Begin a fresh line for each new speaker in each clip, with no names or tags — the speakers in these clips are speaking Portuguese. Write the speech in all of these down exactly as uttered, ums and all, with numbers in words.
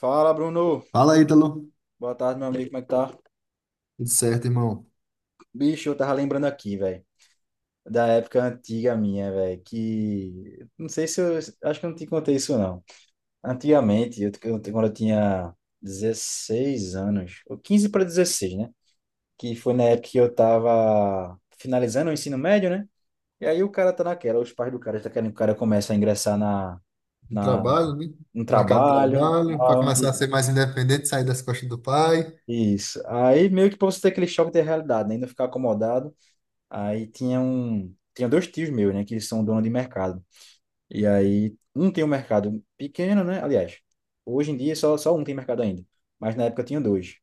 Fala, Bruno.
Fala, Ítalo.
Boa tarde, meu amigo. Como é que tá?
Tudo certo, irmão?
Bicho, eu tava lembrando aqui, velho, da época antiga minha, velho, que não sei se eu acho que eu não te contei isso não. Antigamente, eu, eu- quando eu tinha dezesseis anos, ou quinze para dezesseis, né? Que foi na época que eu tava finalizando o ensino médio, né? E aí o cara tá naquela, os pais do cara tá querendo que o cara comece a ingressar na
No
na
trabalho, né?
no
No mercado de
trabalho,
trabalho, para
tal,
começar
e-
a ser mais independente, sair das costas do pai.
isso. Aí meio que pra você ter aquele choque de realidade, né? E não ficar acomodado. Aí tinha um, tinha dois tios meus, né, que eles são donos de mercado. E aí um tem um mercado pequeno, né? Aliás, hoje em dia só só um tem mercado ainda, mas na época tinha dois.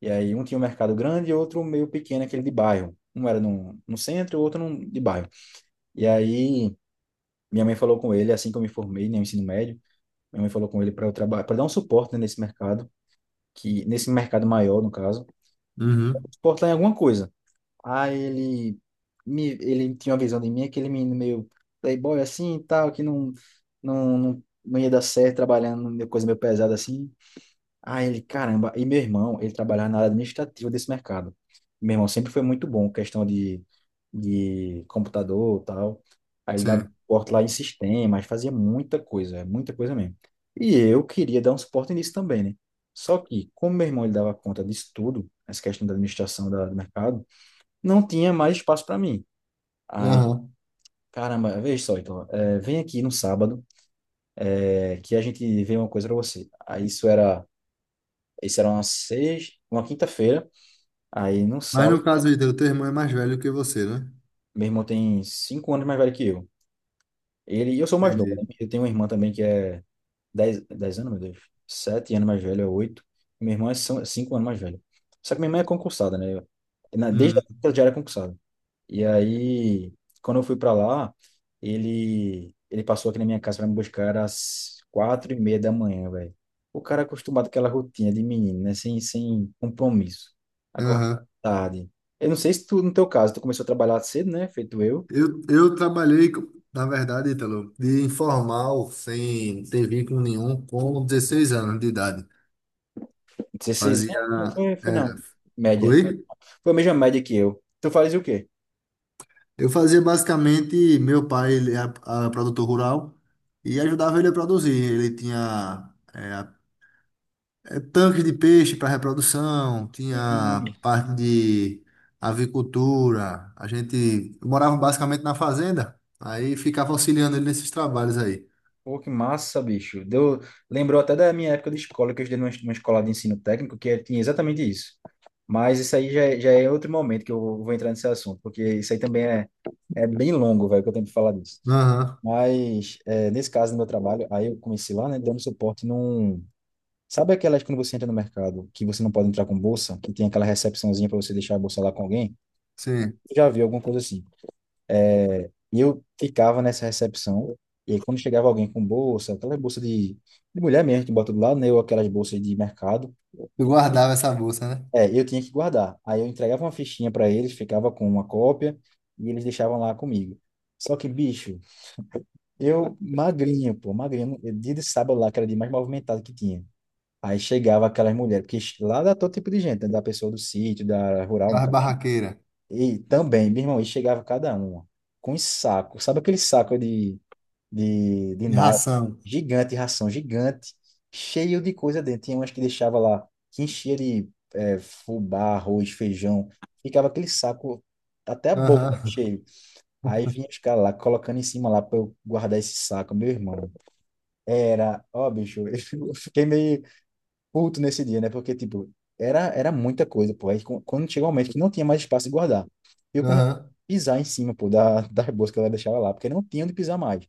E aí um tinha um mercado grande e outro meio pequeno, aquele de bairro. Um era no, no centro, o outro no, de bairro. E aí minha mãe falou com ele assim que eu me formei, né, no ensino médio. Minha mãe falou com ele para eu trabalhar, para dar um suporte, né, nesse mercado, que nesse mercado maior, no caso,
Uhum.
suporte lá em alguma coisa. Aí ele, me, ele tinha uma visão de mim, aquele menino meio playboy assim e tal, que não, não, não, não ia dar certo trabalhando numa coisa meio pesada assim. Aí ele, caramba, e meu irmão, ele trabalhava na área administrativa desse mercado. Meu irmão sempre foi muito bom, questão de, de computador e tal. Aí ele dava
Sim.
suporte lá em sistemas, fazia muita coisa, é muita coisa mesmo. E eu queria dar um suporte nisso também, né? Só que, como meu irmão ele dava conta disso tudo, essa questão da administração da, do mercado, não tinha mais espaço para mim. Aí,
Aham.
caramba, veja só, então, é, vem aqui no sábado, é, que a gente vê uma coisa para você. Aí isso era, isso era uma seis, uma quinta-feira. Aí no
Mas no
sábado,
caso, Ítalo, teu irmão é mais velho que você, né?
meu irmão tem cinco anos mais velho que eu. Ele, e eu sou mais novo, né?
Entendi.
Eu tenho uma irmã também que é dez, dez anos, meu Deus, sete anos mais velha, oito. Meu irmão é são- cinco anos mais velho. Só que minha irmã é concursada, né? Eu- na- Desde que
Hum.
ela já era concursada. E aí, quando eu fui para lá, ele ele passou aqui na minha casa para me buscar às quatro e meia da manhã, velho. O cara é acostumado com aquela rotina de menino, né? Sem, sem compromisso. Acorda
Aham.
tarde. Eu não sei se tu, no teu caso, tu começou a trabalhar cedo, né? Feito eu.
Eu, eu trabalhei, co- na verdade, Ítalo, de informal, sem ter vínculo nenhum, com dezesseis anos de idade.
dezesseis
Fazia.
anos, não foi, foi
É.
não. Média.
Oi?
Foi a mesma média que eu. Tu fazes o quê?
Eu fazia basicamente, meu pai, ele é a- a produtor rural e ajudava ele a produzir. Ele tinha é, a- é, tanques de peixe para reprodução,
Sim.
tinha parte de avicultura. A gente morava basicamente na fazenda, aí ficava auxiliando ele nesses trabalhos aí.
Pô, que massa, bicho. Deu... Lembrou até da minha época de escola, que eu estudei numa numa escola de ensino técnico, que é, tinha exatamente isso. Mas isso aí já, é- já é outro momento que eu vou entrar nesse assunto, porque isso aí também é, é bem longo, velho, que eu tenho que falar disso.
Aham.
Mas, é, nesse caso do meu trabalho, aí eu comecei lá, né, dando suporte num... Sabe aquelas quando você entra no mercado, que você não pode entrar com bolsa, que tem aquela recepçãozinha para você deixar a bolsa lá com alguém?
Sim.
Já viu alguma coisa assim? E eu ficava nessa recepção, e aí quando chegava alguém com bolsa, aquela bolsa de, de, mulher mesmo que bota do lado, né, ou aquelas bolsas de mercado,
Eu guardava essa bolsa, né?
é, eu tinha que guardar. Aí eu entregava uma fichinha para eles, ficava com uma cópia, e eles deixavam lá comigo. Só que, bicho, eu magrinho, pô, magrinho, eu- dia de sábado lá, que era o dia mais movimentado que tinha. Aí chegava aquelas mulheres, porque lá dá todo tipo de gente, né, da pessoa do sítio, da rural, no
Barra barraqueira,
E também, meu irmão, e chegava cada uma com um saco. Sabe aquele saco de, de, de
de
nylon
ração.
gigante, ração gigante, cheio de coisa dentro. Tinha umas que deixava lá, que enchia de é, fubá, arroz, feijão. Ficava aquele saco até a boca
Aham,
cheio. Aí vinha os caras lá, colocando em cima lá para eu guardar esse saco, meu irmão. Era, ó, bicho, eu fiquei meio puto nesse dia, né? Porque, tipo, era, era muita coisa, pô. Aí qu- quando chegou um momento que não tinha mais espaço de guardar, eu comecei
aham.
a pisar em cima, pô, da, das bolsas que ela deixava lá, porque não tinha onde pisar mais.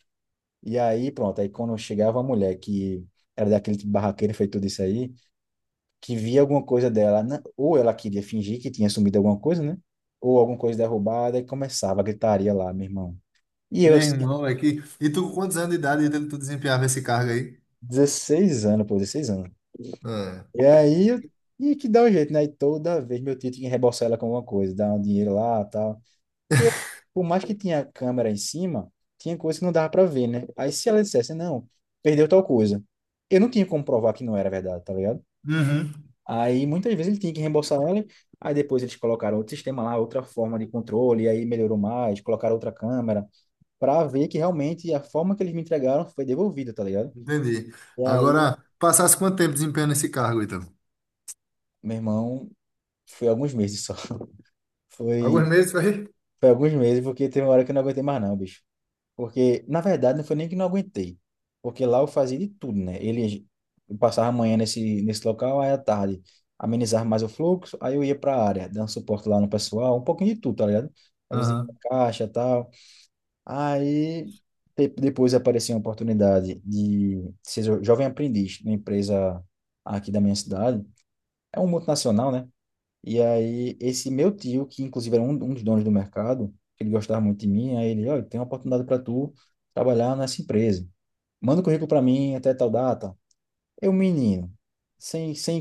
E aí, pronto, aí quando chegava a mulher que era daquele tipo barraqueiro, feito tudo isso aí, que via alguma coisa dela, né? Ou ela queria fingir que tinha sumido alguma coisa, né? Ou alguma coisa derrubada, e começava a gritaria lá, meu irmão. E
Meu
eu, assim,
irmão, é que... E tu, com quantos anos de idade tu desempenhava esse cargo aí?
dezesseis anos, pô, dezesseis anos.
É.
E aí, eu tinha que dar um jeito, né? E toda vez meu tio tinha que reembolsar ela com alguma coisa, dar um dinheiro lá e tal. Porque, por mais que tinha câmera em cima, tinha coisa que não dava pra ver, né? Aí, se ela dissesse, não, perdeu tal coisa, eu não tinha como provar que não era verdade, tá ligado?
Uhum.
Aí, muitas vezes ele tinha que reembolsar ela, aí depois eles colocaram outro sistema lá, outra forma de controle, aí melhorou mais, colocaram outra câmera, pra ver que realmente a forma que eles me entregaram foi devolvida, tá ligado?
Entendi.
E aí,
Agora, passasse quanto tempo desempenhando esse cargo, então?
meu irmão, foi alguns meses só.
Alguns
Foi.
meses, vai?
Foi alguns meses, porque teve uma hora que eu não aguentei mais não, bicho. Porque, na verdade, não foi nem que não aguentei. Porque lá eu fazia de tudo, né? Ele eu passava a manhã nesse, nesse local, aí à tarde amenizava mais o fluxo, aí eu ia pra área, dando suporte lá no pessoal, um pouquinho de tudo, tá ligado? Às vezes ia
Aham.
pra caixa e tal. Aí de- depois apareceu a oportunidade de ser jo- jovem aprendiz na empresa aqui da minha cidade. É um multinacional, né? E aí, esse meu tio, que inclusive era um, um dos donos do mercado, ele gostava muito de mim, aí ele, olha, tem uma oportunidade para tu trabalhar nessa empresa. Manda o currículo para mim até tal data. Eu, menino, sem, sem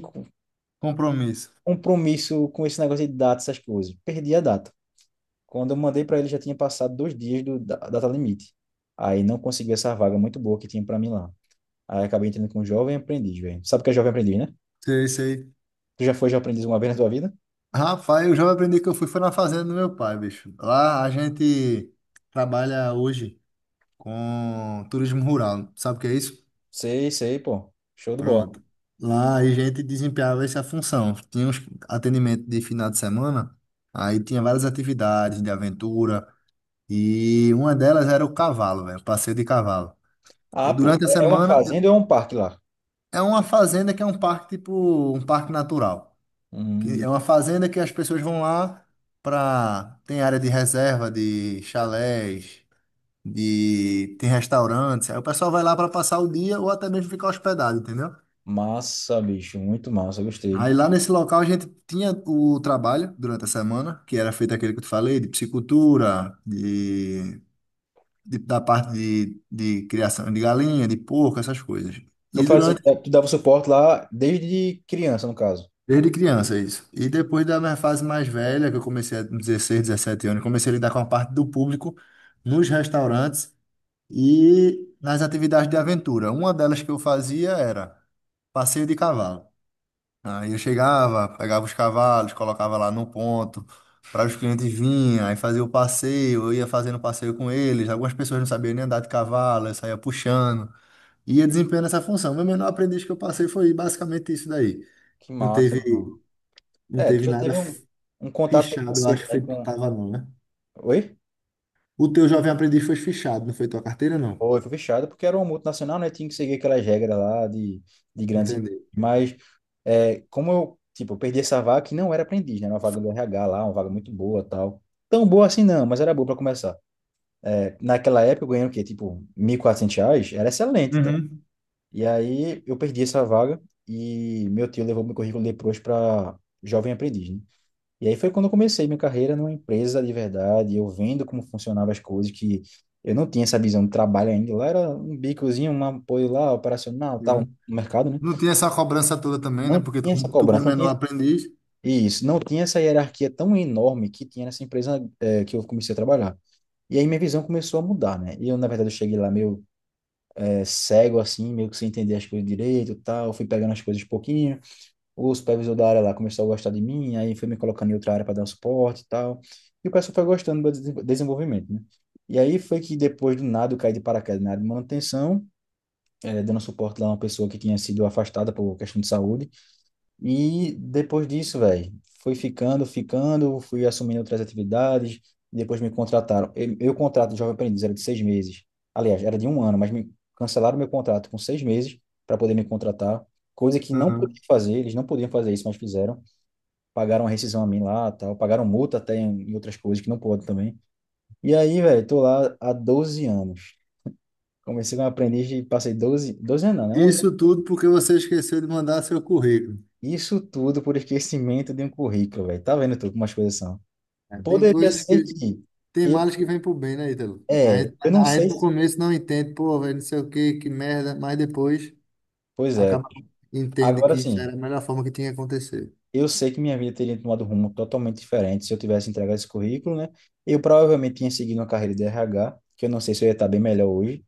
Compromisso.
compromisso com esse negócio de data, essas coisas, perdi a data. Quando eu mandei para ele, já tinha passado dois dias do, da da data limite. Aí não consegui essa vaga muito boa que tinha para mim lá. Aí acabei entrando com um jovem aprendiz, velho. Sabe o que é jovem aprendiz, né?
Sei, sei.
Tu já foi jovem aprendiz uma vez na tua vida?
Rapaz, eu já aprendi que eu fui foi na fazenda do meu pai, bicho. Lá a gente trabalha hoje com turismo rural. Sabe o que é isso?
Sei, sei, pô. Show de bola.
Pronto. Lá a gente desempenhava essa função. Tinha uns atendimento de final de semana, aí tinha várias atividades de aventura e uma delas era o cavalo, velho, passeio de cavalo.
Ah,
Eu,
pô,
durante a
é uma
semana
fazenda ou é um parque lá?
é uma fazenda que é um parque, tipo um parque natural, que
Hum,
é uma fazenda que as pessoas vão lá para tem área de reserva, de chalés, de tem restaurantes. Aí o pessoal vai lá para passar o dia ou até mesmo ficar hospedado, entendeu?
massa, bicho, muito massa, gostei.
Aí lá nesse local a gente tinha o trabalho durante a semana, que era feito aquele que eu te falei, de piscicultura, de, de- da parte de, de criação de galinha, de porco, essas coisas.
Tu
E
fazia,
durante
tu dava suporte lá desde criança, no caso.
desde criança, isso. E depois da minha fase mais velha, que eu comecei com dezesseis, dezessete anos, comecei a lidar com a parte do público nos restaurantes e nas atividades de aventura. Uma delas que eu fazia era passeio de cavalo. Aí eu chegava, pegava os cavalos, colocava lá no ponto para os clientes virem, aí fazia o passeio, eu ia fazendo passeio com eles. Algumas pessoas não sabiam nem andar de cavalo, eu saía puxando e ia desempenhando essa função. Meu menor aprendiz que eu passei foi basicamente isso daí.
Que
Não
massa, meu irmão.
teve, não
É, tu
teve
já
nada
teve um, um contato desde
fichado, eu
cedo,
acho que
né,
foi,
com...
tava não, né?
Oi?
O teu jovem aprendiz foi fichado, não foi tua carteira, não.
Foi, foi fechado, porque era uma multinacional, né, tinha que seguir aquelas regras lá de, de, grandes empresas.
Entendeu?
Mas, é, como eu, tipo, eu perdi essa vaga que não era aprendiz, né, era uma vaga do R H lá, uma vaga muito boa, tal. Tão boa assim não, mas era boa para começar. Naquela época eu ganhei o quê? Tipo, mil e quatrocentos reais? Era excelente, tá?
Uhum.
E aí eu perdi essa vaga e meu tio levou meu currículo depois para jovem aprendiz, né? E aí foi quando eu comecei minha carreira numa empresa de verdade, eu vendo como funcionavam as coisas, que eu não tinha essa visão de trabalho ainda. Lá era um bicozinho, um apoio lá, operacional, tal,
Uhum.
no mercado, né?
Não tinha essa cobrança toda também, né?
Não
Porque tu,
tinha essa
como tu
cobrança,
como
não
menor
tinha
aprendiz,
isso, não tinha essa hierarquia tão enorme que tinha nessa empresa, eh, que eu comecei a trabalhar. E aí minha visão começou a mudar, né? E eu, na verdade, eu cheguei lá meio é, cego, assim, meio que sem entender as coisas direito e tal. Fui pegando as coisas de pouquinho. O supervisor da área lá começou a gostar de mim, aí foi me colocando em outra área para dar um suporte e tal. E o pessoal foi gostando do meu desenvolvimento, né? E aí foi que depois do nada eu caí de paraquedas na área de manutenção, eh, dando suporte lá a uma pessoa que tinha sido afastada por questão de saúde. E depois disso, velho, fui ficando, ficando, fui assumindo outras atividades, e depois me contrataram. Eu, eu contrato de jovem aprendiz era de seis meses. Aliás, era de um ano, mas me cancelaram meu contrato com seis meses para poder me contratar, coisa que não
uhum,
podia fazer, eles não podiam fazer isso, mas fizeram. Pagaram a rescisão a mim lá, tal, pagaram multa até em, em outras coisas que não pode também. E aí, velho, tô lá há doze anos. Comecei como aprendiz e passei doze, doze anos, não, né? onze.
isso tudo porque você esqueceu de mandar seu currículo.
Isso tudo por esquecimento de um currículo, velho. Tá vendo tu como as coisas são?
É, tem
Poderia
coisas
ser
que,
que.
tem
e-
males que vêm pro bem, né, Ítalo? A
É,
gente,
eu não
a gente
sei
no
se.
começo não entende, pô, velho, não sei o que, que merda, mas depois
Pois é.
acaba, entende
Agora
que isso
sim,
era a melhor forma que tinha que acontecer.
eu sei que minha vida teria tomado um rumo totalmente diferente se eu tivesse entregado esse currículo, né? Eu provavelmente tinha seguido uma carreira de R H, que eu não sei se eu ia estar bem melhor hoje,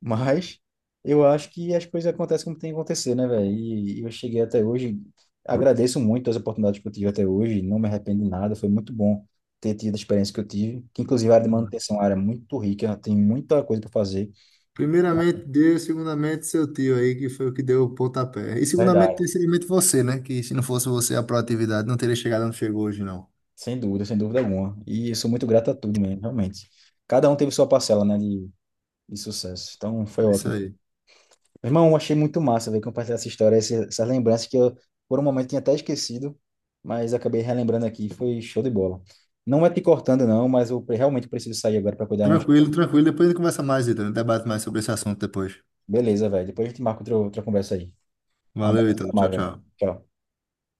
mas eu acho que as coisas acontecem como tem que acontecer, né, velho? E eu cheguei até hoje, agradeço muito as oportunidades que eu tive até hoje, não me arrependo de nada, foi muito bom ter tido a experiência que eu tive, que inclusive a área de manutenção é uma área muito rica, tem muita coisa para fazer.
Primeiramente Deus, segundamente seu tio aí, que foi o que deu o pontapé. E segundamente,
Verdade.
terceiramente você, né? Que se não fosse você, a proatividade não teria chegado onde chegou hoje, não.
Sem dúvida, sem dúvida alguma. E eu sou muito grato a tudo mesmo, realmente. Cada um teve sua parcela, né, de, de, sucesso. Então, foi
É isso
ótimo.
aí.
Meu irmão, eu achei muito massa, velho, compartilhar essa história, esse- essas lembranças que eu, por um momento, tinha até esquecido, mas acabei relembrando aqui. Foi show de bola. Não é te cortando, não, mas eu pre- realmente preciso sair agora para cuidar umas...
Tranquilo, tranquilo. Depois a gente conversa mais, Ítalo. A gente debate mais sobre esse assunto depois.
Beleza, velho. Depois a gente marca outra, outra conversa aí. Um
Valeu,
abraço,
Ítalo.
até
Tchau,
mais, velho.
tchau.
Tchau.